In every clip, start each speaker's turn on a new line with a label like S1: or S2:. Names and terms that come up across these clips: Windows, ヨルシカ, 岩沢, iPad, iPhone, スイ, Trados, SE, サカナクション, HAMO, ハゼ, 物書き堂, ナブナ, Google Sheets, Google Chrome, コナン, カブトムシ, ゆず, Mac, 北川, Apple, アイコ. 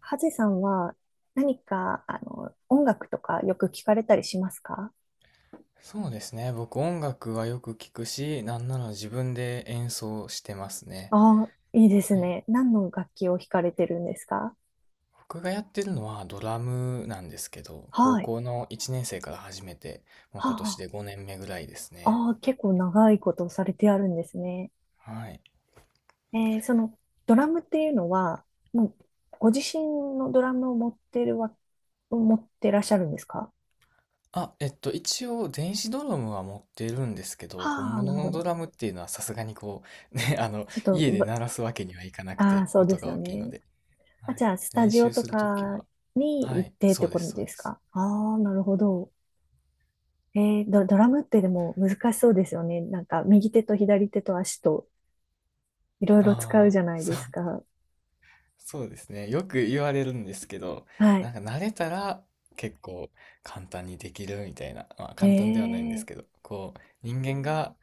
S1: ハゼさんは何か、音楽とかよく聞かれたりしますか？
S2: そうですね。僕音楽はよく聞くし、なんなら自分で演奏してますね。
S1: ああ、いいです
S2: はい。
S1: ね。何の楽器を弾かれてるんですか？
S2: 僕がやってるのはドラムなんですけど、高
S1: はい。
S2: 校の1年生から始めて、もう今年
S1: は
S2: で5年目ぐらいです
S1: あ、
S2: ね。
S1: ああ、結構長いことをされてあるんですね。
S2: はい。
S1: えーその、ドラムっていうのは、もう、ご自身のドラムを持ってらっしゃるんですか？
S2: 一応電子ドラムは持ってるんですけど、本
S1: はあ、な
S2: 物
S1: るほ
S2: のド
S1: ど。
S2: ラムっていうのはさすがにこう、ね、
S1: ちょっと、
S2: 家で
S1: ば
S2: 鳴らすわけにはいかなく
S1: ああ、
S2: て、
S1: そうで
S2: 音
S1: す
S2: が
S1: よ
S2: 大きいの
S1: ね。
S2: で。は
S1: あ、じ
S2: い。
S1: ゃあ、スタ
S2: 練
S1: ジオ
S2: 習
S1: と
S2: するとき
S1: か
S2: は、
S1: に
S2: は
S1: 行っ
S2: い、
S1: てって
S2: そうで
S1: こ
S2: す、
S1: と
S2: そう
S1: です
S2: です。
S1: か？ああ、なるほど。えドラムってでも難しそうですよね。なんか右手と左手と足といろいろ使う
S2: あ
S1: じゃ
S2: あ、
S1: ない
S2: そ
S1: で
S2: う
S1: すか。
S2: そうですね。よく言われるんですけど、
S1: は
S2: な
S1: い。
S2: んか慣れたら結構簡単にできるみたいな、まあ簡単ではないんです
S1: ええ
S2: けど、こう人間が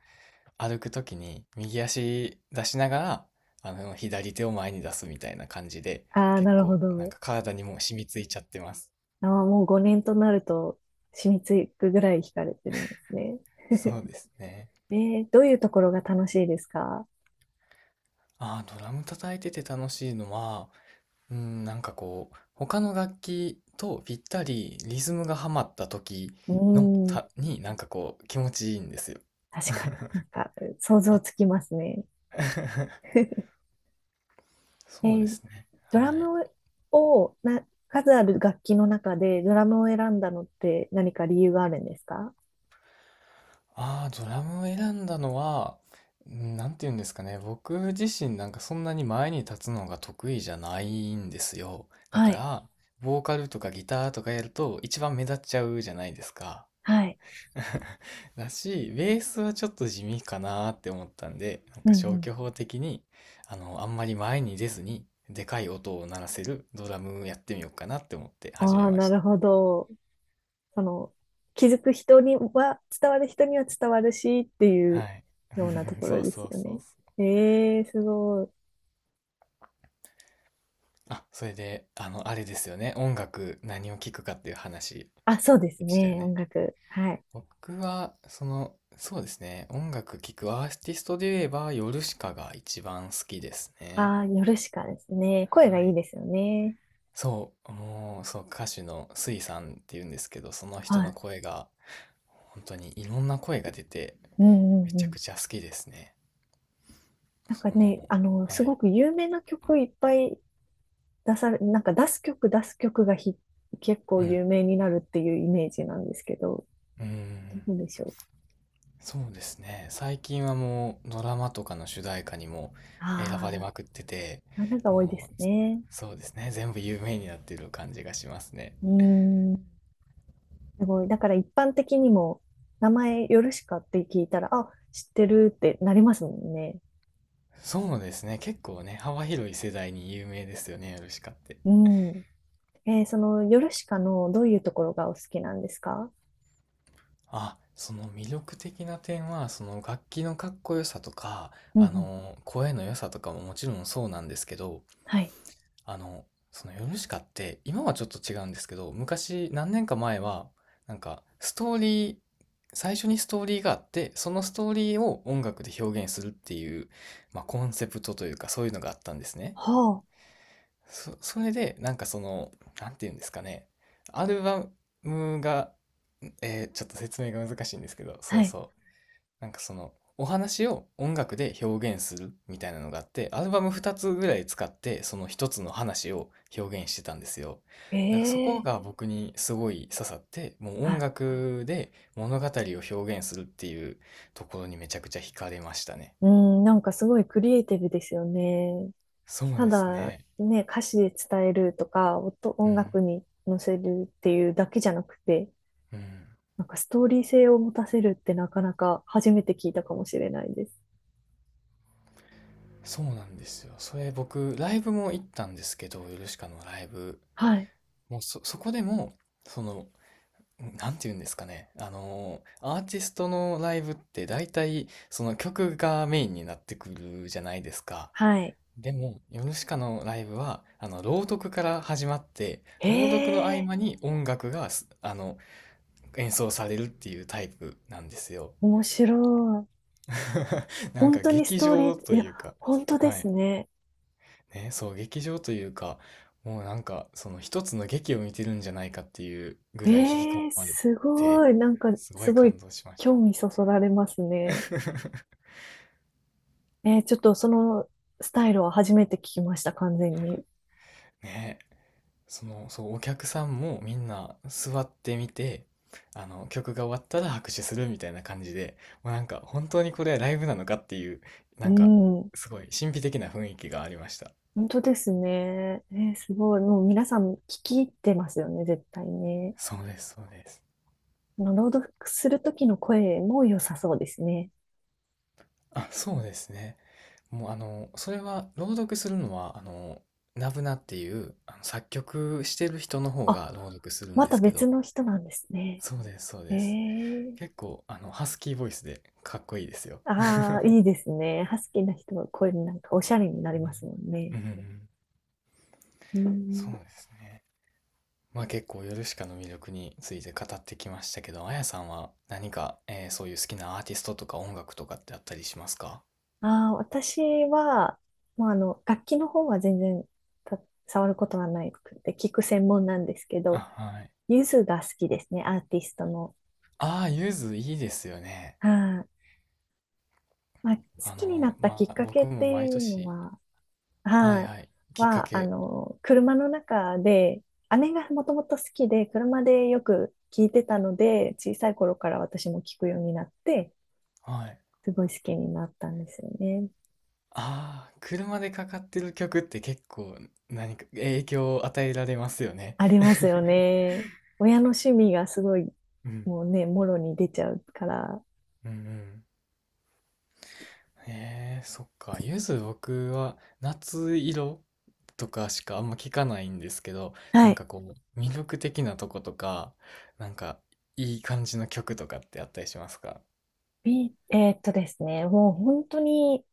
S2: 歩くときに右足出しながら、あの左手を前に出すみたいな感じで、
S1: ー。ああ、
S2: 結
S1: なるほ
S2: 構なん
S1: ど。
S2: か体にもう染みついちゃってます。
S1: あー、もう5年となると染みつくぐらい弾かれてるんですね。
S2: そうですね。
S1: えどういうところが楽しいですか？
S2: ああ、ドラム叩いてて楽しいのは、うん、なんかこう、他の楽器とぴったりリズムがはまった時
S1: う
S2: の
S1: ーん、
S2: た、になんかこう気持ちいいんですよ。
S1: 確かになんか想像
S2: あ、
S1: つきますね。え
S2: そうで
S1: ー
S2: すね。
S1: ド
S2: は
S1: ラ
S2: い。
S1: ムを数ある楽器の中でドラムを選んだのって何か理由があるんですか？
S2: ああ、ドラムを選んだのは、なんて言うんですかね。僕自身なんかそんなに前に立つのが得意じゃないんですよ。だ
S1: は
S2: か
S1: い。
S2: ら、ボーカルとかギターとかやると一番目立っちゃうじゃないですか。
S1: はい。
S2: だし、ベースはちょっと地味かなーって思ったんで、なん
S1: う
S2: か消
S1: ん
S2: 去法的に、あんまり前に出ずに、でかい音を鳴らせるドラムやってみようかなって思って始
S1: あ
S2: め
S1: あ、
S2: ま
S1: な
S2: し
S1: る
S2: た。
S1: ほど。その、気づく人には、伝わる人には伝わるしってい
S2: は
S1: う
S2: い。
S1: ようなと ころ
S2: そう
S1: です
S2: そう
S1: よ
S2: そ
S1: ね。
S2: うそう。
S1: ええ、すごい。
S2: あ、それで、あの、あれですよね。音楽、何を聴くかっていう話
S1: あ、そうです
S2: でしたよ
S1: ね。
S2: ね。
S1: 音楽。はい。
S2: 僕は、その、そうですね。音楽聴くアーティストで言えば、ヨルシカが一番好きですね。
S1: ああ、ヨルシカですね。声が
S2: は
S1: いい
S2: い。
S1: ですよね。
S2: そう、もう、そう、歌手のスイさんっていうんですけど、その人
S1: は
S2: の
S1: い。
S2: 声が、本当にいろんな声が出て、
S1: うんう
S2: め
S1: ん
S2: ち
S1: う
S2: ゃく
S1: ん。
S2: ちゃ好きですね。
S1: なんか
S2: その、
S1: ね、
S2: は
S1: す
S2: い。
S1: ごく有名な曲いっぱい出され、なんか出す曲出す曲がひ、結構
S2: うん。
S1: 有名になるっていうイメージなんですけど、
S2: うん。
S1: どうでしょう。
S2: そうですね。最近はもうドラマとかの主題歌にも選ばれ
S1: あ
S2: まくってて、
S1: あ、なんか多いで
S2: も
S1: す
S2: う、
S1: ね。
S2: そうですね。全部有名になってる感じがしますね。
S1: うーん。すごい。だから一般的にも、名前ヨルシカって聞いたら、あ、知ってるってなりますもんね。
S2: そうですね。結構ね、幅広い世代に有名ですよね、ヨルシカって。
S1: うん。えーそのヨルシカのどういうところがお好きなんですか？
S2: あ、その魅力的な点は、その楽器のかっこよさとか、
S1: うんう
S2: あ
S1: ん。
S2: の、声の良さとかももちろんそうなんですけど、
S1: はい。
S2: あの、そのヨルシカって今はちょっと違うんですけど、昔何年か前はなんかストーリー、最初にストーリーがあって、そのストーリーを音楽で表現するっていう、まあ、コンセプトというかそういうのがあったんですね。
S1: は
S2: それでなんかその、なんていうんですかね。アルバムが、ちょっと説明が難しいんですけど、
S1: あ。
S2: そ
S1: は
S2: う
S1: い。
S2: そう。なんかそのお話を音楽で表現するみたいなのがあって、アルバム2つぐらい使って、その一つの話を表現してたんですよ。なんかそこ
S1: え
S2: が
S1: え
S2: 僕にすごい刺さって、もう音
S1: あ、
S2: 楽で物語を表現するっていうところにめちゃくちゃ惹かれましたね。
S1: うん、なんかすごいクリエイティブですよね。
S2: そう
S1: た
S2: です
S1: だ、
S2: ね。
S1: ね、歌詞で伝えるとか、
S2: う
S1: 音
S2: ん。
S1: 楽に乗せるっていうだけじゃなくて、
S2: うん。
S1: なんかストーリー性を持たせるってなかなか初めて聞いたかもしれないです。
S2: そうなんですよ。それ僕ライブも行ったんですけど、ヨルシカのライブ。
S1: はい。
S2: もうそ、そこでもその、なんて言うんですかね。アーティストのライブって大体その曲がメインになってくるじゃないですか。
S1: はい。
S2: でも、ヨルシカのライブは、あの、朗読から始まって、朗読の合
S1: ええ
S2: 間に音楽がす、あの、演奏されるっていうタイプなんですよ。
S1: 面白い。
S2: なん
S1: 本
S2: か
S1: 当にス
S2: 劇
S1: トーリ
S2: 場と
S1: ー、いや、
S2: いうか、
S1: 本当で
S2: は
S1: す
S2: い。
S1: ね。
S2: ね、そう、劇場というか、もうなんか、その一つの劇を見てるんじゃないかっていうぐらい引き込
S1: ええ
S2: まれ
S1: す
S2: て、
S1: ごい。なんか、
S2: すご
S1: す
S2: い
S1: ご
S2: 感
S1: い
S2: 動しまし
S1: 興
S2: た。
S1: 味そそられますね。えーちょっとそのスタイルは初めて聞きました、完全に。
S2: ねえ、そう、お客さんもみんな座ってみて、あの曲が終わったら拍手するみたいな感じで、もうなんか本当にこれライブなのかっていう、な
S1: う
S2: んか
S1: ん。
S2: すごい神秘的な雰囲気がありました。
S1: 本当ですね。えーすごい。もう皆さん聞き入ってますよね、絶対ね。
S2: そうです、そうです。
S1: あの朗読する時の声も良さそうですね。
S2: あ、そうですね。もうあのそれは朗読するのは、ナブナっていうあの作曲してる人の方
S1: あ、
S2: が朗読するん
S1: ま
S2: で
S1: た
S2: すけ
S1: 別
S2: ど、
S1: の人なんですね。
S2: そうです、そう
S1: え
S2: です。
S1: え
S2: 結構あのハスキーボイスでかっこいいですよ。
S1: ああ、いいですね。ハスキーな人はこういうなんかおしゃれになりますもん
S2: う
S1: ね。
S2: んうんうん。
S1: う
S2: そ
S1: ん。
S2: うですね。まあ結構ヨルシカの魅力について語ってきましたけど、あやさんは何か、そういう好きなアーティストとか音楽とかってあったりしますか？
S1: ああ、私は、楽器の方は全然た触ることはないくて、聞く専門なんですけ
S2: あ、
S1: ど、
S2: はい。
S1: ゆずが好きですね、アーティストの。
S2: ああ、ゆずいいですよね。
S1: はい。まあ、好
S2: あ
S1: きにな
S2: の、
S1: ったき
S2: ま
S1: っ
S2: あ
S1: かけ
S2: 僕
S1: って
S2: も毎
S1: いうの
S2: 年、
S1: は、
S2: はい
S1: はい。
S2: はい、きっか
S1: は、
S2: け、
S1: 車の中で、姉がもともと好きで、車でよく聞いてたので、小さい頃から私も聞くようになって、
S2: はい。
S1: すごい好きになったんですよね。
S2: ああ、車でかかってる曲って結構何か影響を与えられますよね。
S1: ありますよね。親の趣味がすごい、
S2: うん。
S1: もうね、もろに出ちゃうから。
S2: うんうん。へえ、そっか。ゆず、僕は夏色とかしかあんま聞かないんですけど、な
S1: は
S2: ん
S1: い。
S2: かこう、魅力的なとことか、なんかいい感じの曲とかってあったりしますか？
S1: ビえーっとですね、もう本当に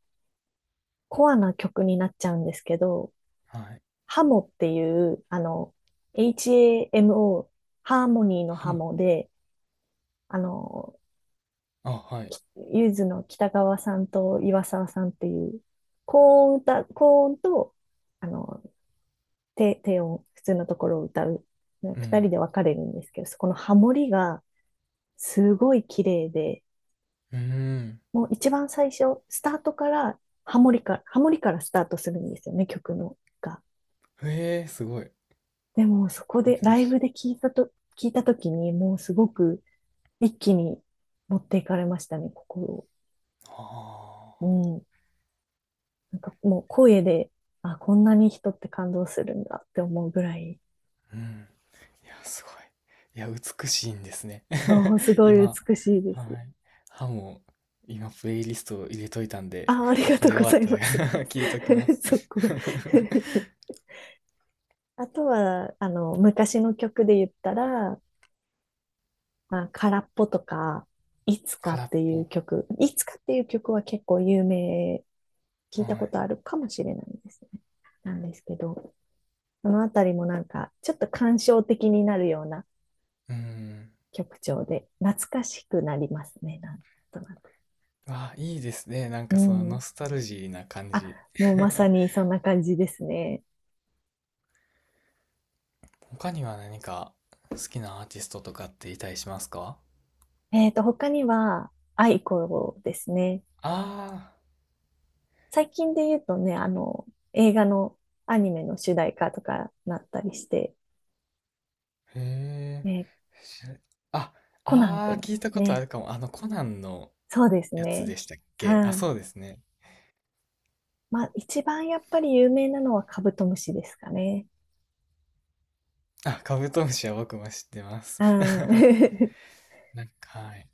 S1: コアな曲になっちゃうんですけど、
S2: はい。
S1: ハモっていう、HAMO、ハーモニーの
S2: ハ
S1: ハ
S2: モ。
S1: モで、あの、
S2: あ、はい。
S1: ゆずの北川さんと岩沢さんっていう、高音と、あの、低音、普通のところを歌う。ね
S2: う
S1: 二
S2: ん。
S1: 人で分かれるんですけど、そこのハモリがすごい綺麗で、
S2: うーん。
S1: もう一番最初、スタートからハモリからスタートするんですよね、曲のが。
S2: へえ、すごい。
S1: でもそこで
S2: 珍
S1: ライ
S2: しい。
S1: ブで聞いたと、聞いたときにもうすごく一気に持っていかれましたね、心を。
S2: ああ。
S1: うん。なんかもう声で、あ、こんなに人って感動するんだって思うぐらい、
S2: うん。いや、すごい。いや、美しいんですね。
S1: そう、す ごい
S2: 今。
S1: 美しいで
S2: は
S1: す。
S2: い。ハモ、今プレイリストを入れといたんで、
S1: あ、ありが
S2: こ
S1: とう
S2: れ終
S1: ご
S2: わ
S1: ざ
S2: っ
S1: い
S2: た
S1: ます。
S2: ら 聞いときま す。
S1: そこ あとは、昔の曲で言ったら、まあ、空っぽとか、
S2: 空っぽ。
S1: いつかっていう曲は結構有名、聞
S2: は
S1: いたこ
S2: い。
S1: とあるかもしれないですね。なんですけど、そのあたりもなんか、ちょっと感傷的になるような
S2: うん。
S1: 曲調で、懐かしくなりますね、なんとなく。
S2: あ、いいですね。なん
S1: う
S2: かそのノ
S1: ん。
S2: スタルジーな感
S1: あ、
S2: じ。
S1: もうまさ にそんな感じですね。
S2: 他には何か好きなアーティストとかっていたりしますか？
S1: えっと、他には、アイコですね。
S2: あ
S1: 最近で言うとね、あの、映画のアニメの主題歌とかなったりして、
S2: あー、へえ。
S1: ね、
S2: 知らあ、
S1: コナン
S2: あ
S1: く
S2: あ、
S1: んで
S2: 聞い
S1: す
S2: たことあ
S1: ね。
S2: るかも。あの、コナンの
S1: そうです
S2: やつ
S1: ね。
S2: でしたっけ？あ、
S1: は
S2: そ
S1: い。
S2: うですね。
S1: まあ、一番やっぱり有名なのはカブトムシですかね。
S2: あ、カブトムシは僕も知ってます。
S1: うん。
S2: なんか、はい。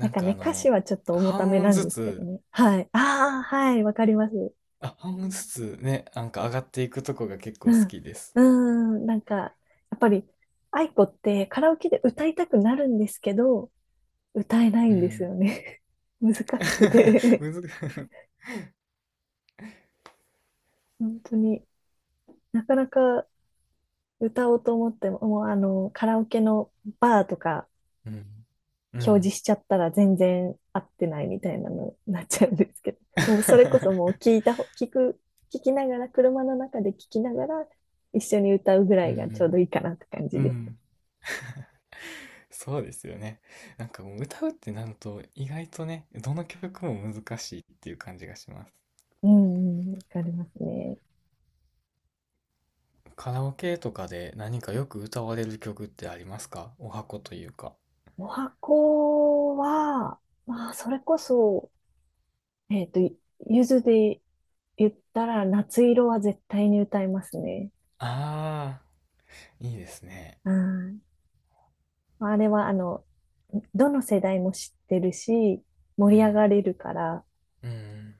S1: なん
S2: ん
S1: か
S2: かあ
S1: ね、歌詞
S2: の、
S1: はちょっと重た
S2: 半
S1: め
S2: 音
S1: なん
S2: ず
S1: ですけど
S2: つ、
S1: ね。はい。ああ、はい、わかります。
S2: あ、半音ずつね、なんか上がっていくとこが結構好
S1: うん。
S2: きです。
S1: うーん、なんか、やっぱり、愛子ってカラオケで歌いたくなるんですけど、歌えない
S2: う
S1: んです
S2: ん。
S1: よね。難しく て
S2: むず
S1: 本当になかなか歌おうと思っても、もうあの、カラオケのバーとか
S2: うん。う
S1: 表示
S2: ん。
S1: しちゃったら全然合ってないみたいなのになっちゃうんですけど、もうそれこそもう 聞いた聞く、聞きながら、車の中で聞きながら一緒に歌うぐら
S2: う
S1: いがちょうど
S2: ん。
S1: いいかなって感じ
S2: う
S1: です。
S2: ん。そうですよね。なんかもう歌うってなると意外とね、どの曲も難しいっていう感じがします。
S1: うんうん、わかりますね。
S2: カラオケとかで何かよく歌われる曲ってありますか？お箱というか。
S1: お箱は、まあ、それこそ、えっと、ゆずで言ったら夏色は絶対に歌いますね。
S2: ああ、いいですね。
S1: うんまあれは、どの世代も知ってるし、
S2: う
S1: 盛り
S2: ん。
S1: 上がれるから、
S2: うん。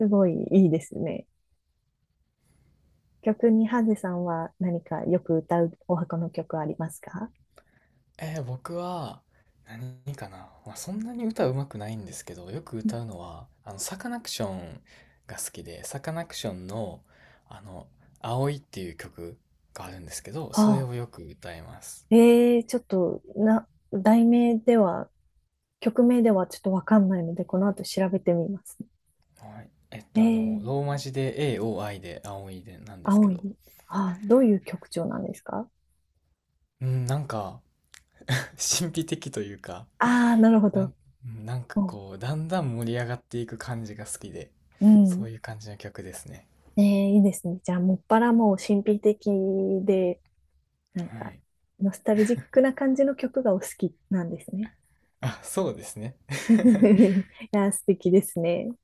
S1: すごいいいですね。曲に、ハゼさんは何かよく歌うお箱の曲ありますか？
S2: 僕は何かな、まあ、そんなに歌うまくないんですけど、よく
S1: う
S2: 歌
S1: ん
S2: うのはあのサカナクションが好きで、サカナクションのあの「青い」っていう曲があるんですけど、
S1: は
S2: それを
S1: あ、
S2: よく歌います。
S1: えー、ちょっと、な、題名では、曲名ではちょっとわかんないので、この後調べてみます。
S2: はい、えっ
S1: え
S2: とあの
S1: ー、
S2: ローマ字で AOI で「青い」でなんですけ
S1: 青
S2: ど、
S1: い。ああ、どういう曲調なんですか？
S2: うん、なんか 神秘的というか、
S1: ああなるほ
S2: なん
S1: ど。
S2: うんなんか
S1: も
S2: こうだんだん盛り上がっていく感じが好きで、
S1: う、う
S2: そ
S1: ん。
S2: ういう感じの曲ですね。
S1: えー、いいですね。じゃあ、もっぱらもう神秘的で、なん
S2: は
S1: か、
S2: い。
S1: ノスタルジックな感じの曲がお好きなんですね。
S2: あ、そうですね。
S1: いや素敵ですね。